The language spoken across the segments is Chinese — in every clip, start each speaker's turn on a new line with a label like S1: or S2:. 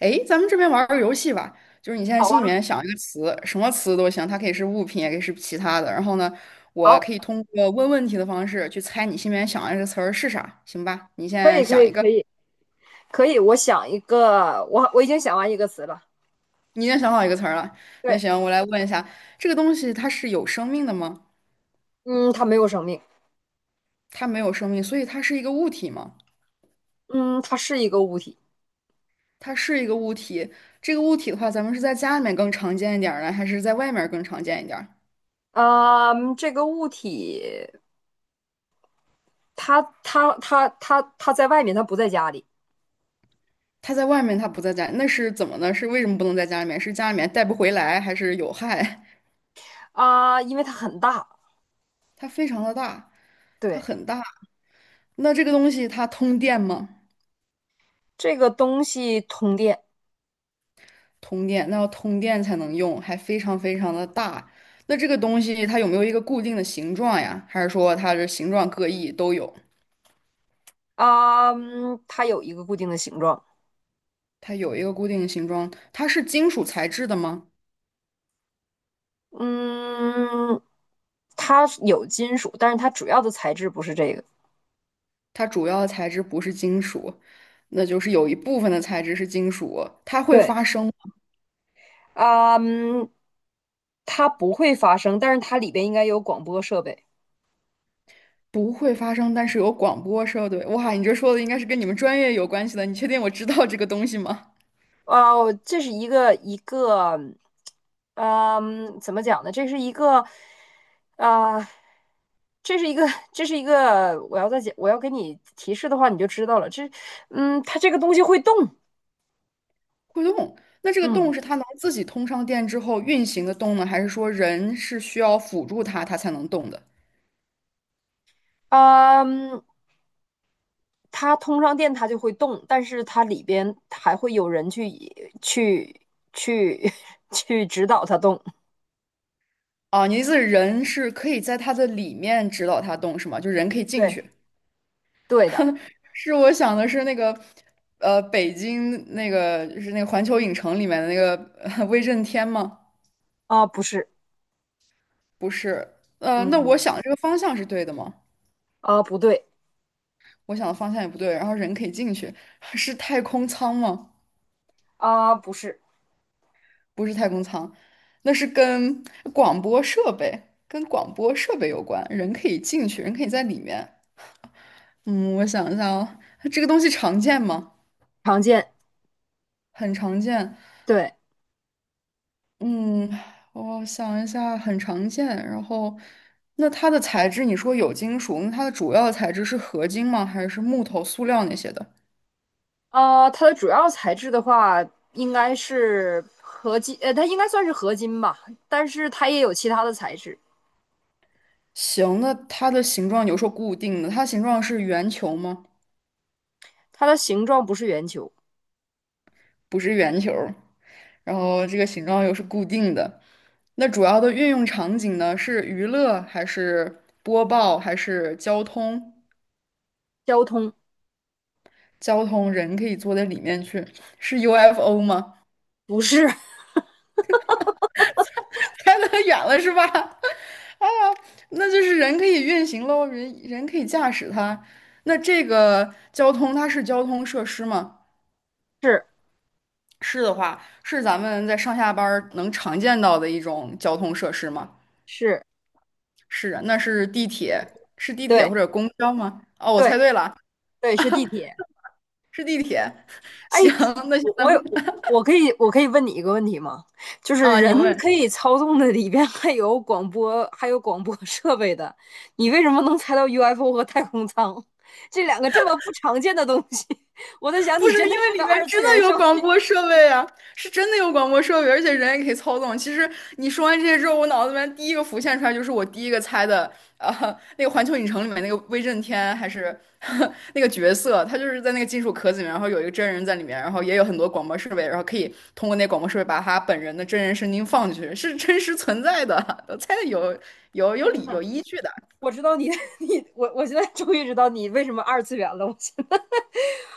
S1: 诶，咱们这边玩儿个游戏吧，就是你现在
S2: 好
S1: 心里
S2: 啊，
S1: 面想一个词，什么词都行，它可以是物品，也可以是其他的。然后呢，我
S2: 好，
S1: 可以通过问问题的方式去猜你心里面想的这个词儿是啥，行吧？你现
S2: 可
S1: 在
S2: 以，可
S1: 想
S2: 以，
S1: 一个，
S2: 可以，可以。我想一个，我已经想完一个词了。
S1: 你已经想好一个词儿了。那
S2: 对，
S1: 行，我来问一下，这个东西它是有生命的吗？
S2: 嗯，它没有生命。
S1: 它没有生命，所以它是一个物体吗？
S2: 嗯，它是一个物体。
S1: 它是一个物体。这个物体的话，咱们是在家里面更常见一点儿呢，还是在外面儿更常见一点儿？
S2: 啊，这个物体，它在外面，它不在家里。
S1: 他在外面，他不在家，那是怎么呢？是为什么不能在家里面？是家里面带不回来，还是有害？
S2: 啊，因为它很大。
S1: 它非常的大，它
S2: 对，
S1: 很大。那这个东西它通电吗？
S2: 这个东西通电。
S1: 通电，那要通电才能用，还非常非常的大。那这个东西它有没有一个固定的形状呀？还是说它的形状各异都有？
S2: 啊，嗯它有一个固定的形状。
S1: 它有一个固定的形状，它是金属材质的吗？
S2: 嗯，它有金属，但是它主要的材质不是这个。
S1: 它主要的材质不是金属，那就是有一部分的材质是金属，它会
S2: 对，
S1: 发声
S2: 啊嗯，它不会发声，但是它里边应该有广播设备。
S1: 不会发生，但是有广播设备。哇，你这说的应该是跟你们专业有关系的。你确定我知道这个东西吗？
S2: 哦，这是一个一个，嗯，怎么讲呢？这是一个，啊、这是一个，这是一个，我要再讲，我要给你提示的话，你就知道了。它这个东西会动。
S1: 会动，那这个
S2: 嗯。
S1: 动是它能自己通上电之后运行的动呢，还是说人是需要辅助它，它才能动的？
S2: 嗯，它通上电它就会动，但是它里边还会有人去去去 去指导它动。
S1: 啊，你的意思是人是可以在它的里面指导它动是吗？就人可以进
S2: 对，
S1: 去？
S2: 对的。
S1: 是我想的是那个，北京那个就是那个环球影城里面的那个 威震天吗？
S2: 啊，不是。
S1: 不是，那我
S2: 嗯，
S1: 想这个方向是对的吗？
S2: 啊，不对。
S1: 我想的方向也不对，然后人可以进去，是太空舱吗？
S2: 啊，不是。
S1: 不是太空舱，那是跟广播设备，跟广播设备有关，人可以进去，人可以在里面。嗯，我想一下啊，这个东西常见吗？
S2: 常见。
S1: 很常见。
S2: 对。
S1: 嗯，我想一下，很常见。然后，那它的材质，你说有金属，那它的主要材质是合金吗？还是木头、塑料那些的？
S2: 啊，它的主要材质的话，应该是合金，它应该算是合金吧，但是它也有其他的材质。
S1: 行，那它的形状有说固定的，它形状是圆球吗？
S2: 它的形状不是圆球。
S1: 不是圆球。然后这个形状又是固定的。那主要的运用场景呢，是娱乐还是播报还是交通？
S2: 交通。
S1: 交通人可以坐在里面去，是 UFO 吗？
S2: 不是。
S1: 猜得远了是吧？啊，那就是人可以运行喽，人可以驾驶它。那这个交通它是交通设施吗？
S2: 是
S1: 是的话，是咱们在上下班儿能常见到的一种交通设施吗？
S2: 是，
S1: 是啊，那是地铁，是地铁
S2: 对
S1: 或者公交吗？哦，我
S2: 对
S1: 猜对了，
S2: 对，是地铁。
S1: 是地铁。
S2: 哎，
S1: 行，那行
S2: 我
S1: 咱
S2: 我
S1: 们
S2: 有我我可以问你一个问题吗？就是
S1: 啊，你
S2: 人
S1: 问。
S2: 可以操纵的里边还有广播，还有广播设备的，你为什么能猜到 UFO 和太空舱这两个这么不常见的东西？我在想，
S1: 不
S2: 你真
S1: 是
S2: 的
S1: 因为
S2: 是个
S1: 里面
S2: 二次
S1: 真的
S2: 元
S1: 有
S2: 少。
S1: 广播设备啊，是真的有广播设备，而且人也可以操纵。其实你说完这些之后，我脑子里面第一个浮现出来就是我第一个猜的，呃，那个《环球影城》里面那个威震天还是 那个角色，他就是在那个金属壳子里面，然后有一个真人在里面，然后也有很多广播设备，然后可以通过那广播设备把他本人的真人声音放进去，是真实存在的，我猜的有有
S2: 天
S1: 理有
S2: 呐，
S1: 依据的。
S2: 我知道你，我现在终于知道你为什么二次元了。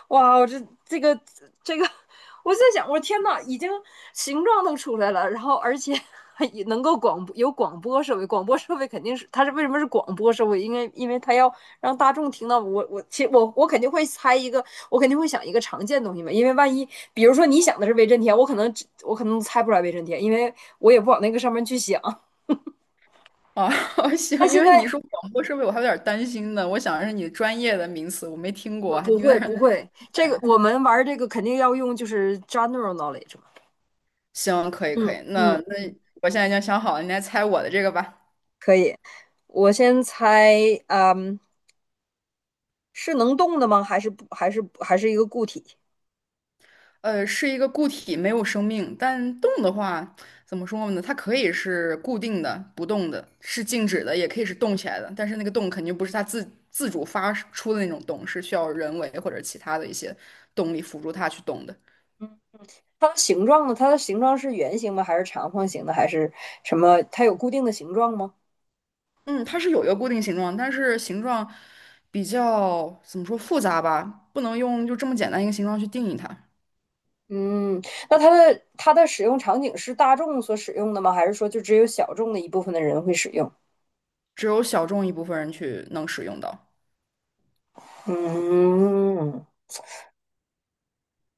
S2: 哇，我这个，我在想，我天呐，已经形状都出来了，然后而且还也能够广播，有广播设备，广播设备肯定是，它是为什么是广播设备？因为它要让大众听到，我其实我肯定会猜一个，我肯定会想一个常见的东西嘛。因为万一比如说你想的是威震天，我可能猜不出来威震天，因为我也不往那个上面去想。
S1: 哦，
S2: 但
S1: 行，因
S2: 现
S1: 为你
S2: 在
S1: 说广播设备，我还有点儿担心呢。我想的是你专业的名词，我没听
S2: 我
S1: 过，还
S2: 不
S1: 有点
S2: 会
S1: 儿
S2: 不会，这个我们玩这个肯定要用就是 general knowledge 嘛。
S1: 行，可以，可
S2: 嗯
S1: 以。那
S2: 嗯。
S1: 那我现在已经想好了，你来猜我的这个吧。
S2: 可以，我先猜。嗯，是能动的吗？还是不？还是一个固体？
S1: 呃，是一个固体，没有生命，但动的话，怎么说呢？它可以是固定的、不动的，是静止的，也可以是动起来的。但是那个动肯定不是它自主发出的那种动，是需要人为或者其他的一些动力辅助它去动的。
S2: 它的形状呢？它的形状是圆形吗？还是长方形的？还是什么？它有固定的形状吗？
S1: 嗯，它是有一个固定形状，但是形状比较怎么说复杂吧，不能用就这么简单一个形状去定义它，
S2: 嗯，那它的使用场景是大众所使用的吗？还是说就只有小众的一部分的人会使用？
S1: 只有小众一部分人去能使用到。
S2: 嗯，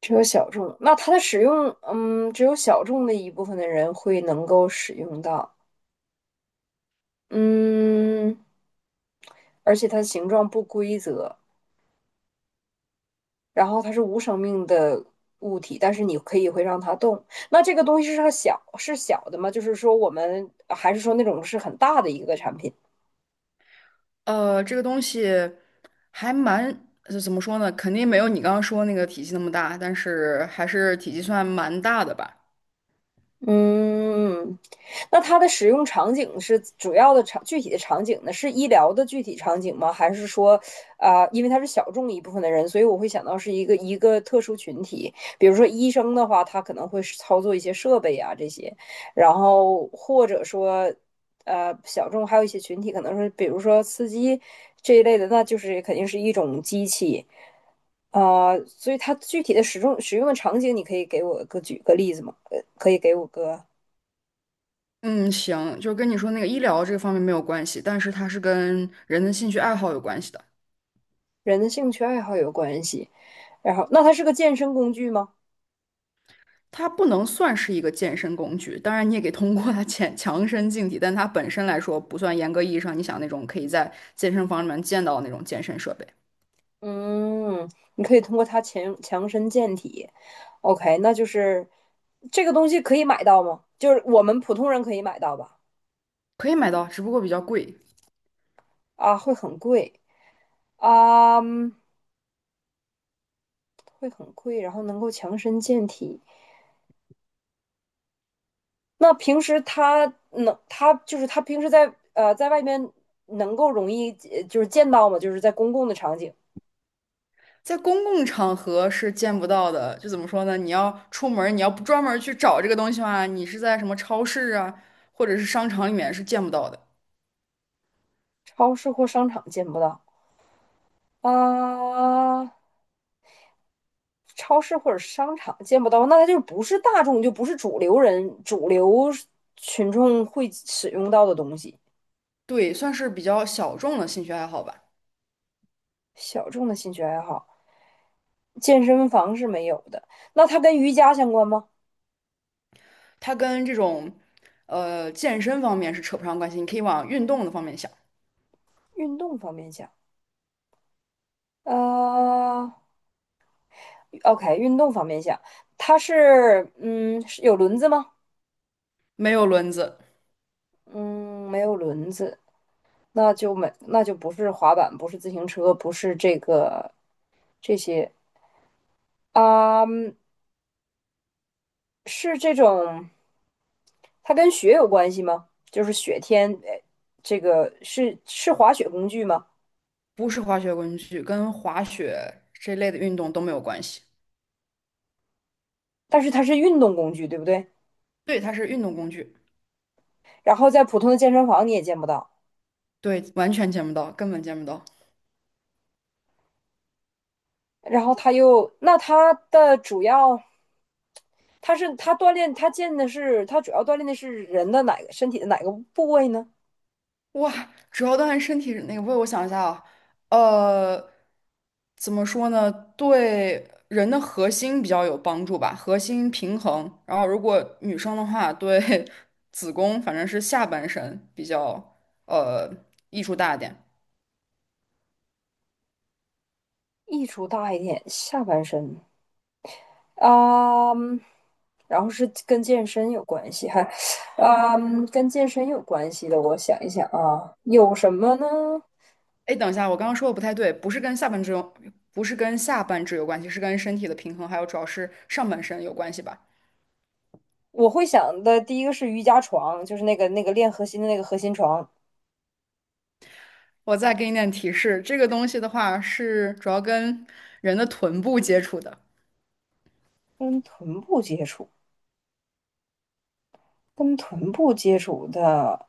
S2: 只有小众。那它的使用，嗯，只有小众的一部分的人会能够使用到。嗯，而且它的形状不规则。然后它是无生命的物体，但是你可以会让它动。那这个东西是它小，是小的吗？就是说我们，还是说那种是很大的一个产品？
S1: 呃，这个东西还蛮，就怎么说呢，肯定没有你刚刚说那个体积那么大，但是还是体积算蛮大的吧。
S2: 嗯，那它的使用场景是主要的，具体的场景呢？是医疗的具体场景吗？还是说，因为它是小众一部分的人，所以我会想到是一个，特殊群体，比如说医生的话，他可能会操作一些设备啊这些，然后或者说小众，还有一些群体可能是比如说司机这一类的，那就是肯定是一种机器。所以它具体的使用的场景，你可以给我个举个例子吗？可以给我个
S1: 嗯，行，就跟你说那个医疗这个方面没有关系，但是它是跟人的兴趣爱好有关系的。
S2: 人的兴趣爱好有关系。然后，那它是个健身工具吗？
S1: 它不能算是一个健身工具，当然你也可以通过它强 强身健体，但它本身来说不算严格意义上你想那种可以在健身房里面见到的那种健身设备，
S2: 嗯，你可以通过它强身健体。OK,那就是这个东西可以买到吗？就是我们普通人可以买到吧？
S1: 可以买到，只不过比较贵，
S2: 啊，会很贵啊。嗯，会很贵，然后能够强身健体。那平时他就是他平时在外面能够容易就是见到吗？就是在公共的场景，
S1: 在公共场合是见不到的。就怎么说呢？你要出门你要不专门去找这个东西的话，你是在什么超市啊，或者是商场里面是见不到的。
S2: 超市或商场见不到。啊、呃超市或者商场见不到，那他就不是大众，就不是主流群众会使用到的东西。
S1: 对，算是比较小众的兴趣爱好吧。
S2: 小众的兴趣爱好，健身房是没有的。那它跟瑜伽相关吗？
S1: 它跟这种健身方面是扯不上关系，你可以往运动的方面想。
S2: 运动方面讲。啊。OK,运动方面想。它是，有轮子吗？
S1: 没有轮子，
S2: 嗯，没有轮子。那就没，不是滑板，不是自行车，不是这个这些。啊，嗯，是这种，它跟雪有关系吗？就是雪天，这个是，滑雪工具吗？
S1: 不是滑雪工具，跟滑雪这类的运动都没有关系。
S2: 但是它是运动工具，对不对？
S1: 对，它是运动工具。
S2: 然后在普通的健身房你也见不到，
S1: 对，完全见不到，根本见不到。
S2: 然后它又，那它的主要，他锻炼，他主要锻炼的是人的哪个，身体的哪个部位呢？
S1: 哇，主要锻炼身体那个，为我想一下啊，呃，怎么说呢？对人的核心比较有帮助吧，核心平衡。然后，如果女生的话，对 子宫，反正是下半身比较呃益处大一点。
S2: 益处大一点，下半身。啊、嗯然后是跟健身有关系，哈。跟健身有关系的，我想一想啊，有什么呢？
S1: 哎，等一下，我刚刚说的不太对，不是跟下半肢有，不是跟下半肢有关系，是跟身体的平衡，还有主要是上半身有关系吧？
S2: 我会想的第一个是瑜伽床，就是那个练核心的那个核心床。
S1: 我再给你点提示，这个东西的话是主要跟人的臀部接触的。
S2: 跟臀部接触，跟臀部接触的。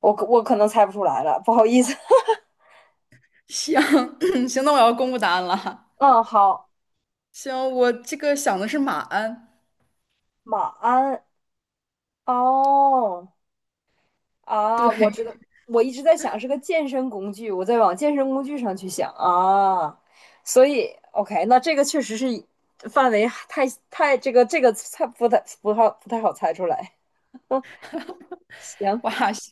S2: 我可能猜不出来了，不好意思。
S1: 行，行，那我要公布答案了
S2: 嗯，好。
S1: 行，我这个想的是马鞍。
S2: 马鞍。哦。
S1: 对，
S2: 啊，我知道。我一直在想是个健身工具，我在往健身工具上去想啊，所以 OK,那这个确实是范围太，这个猜不太不好不太好猜出来。行，
S1: 哇，行，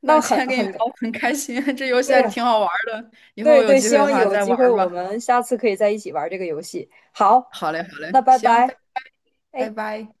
S1: 那
S2: 那
S1: 今
S2: 很
S1: 天跟你聊 很开心，这游
S2: 对
S1: 戏还
S2: 呀，
S1: 挺好玩儿的，以后
S2: 对
S1: 有
S2: 对，
S1: 机
S2: 希
S1: 会的
S2: 望
S1: 话
S2: 有
S1: 再
S2: 机
S1: 玩
S2: 会
S1: 儿
S2: 我
S1: 吧。
S2: 们下次可以在一起玩这个游戏。好，
S1: 好嘞，好
S2: 那
S1: 嘞，
S2: 拜
S1: 行，拜
S2: 拜。
S1: 拜，拜
S2: 哎。
S1: 拜。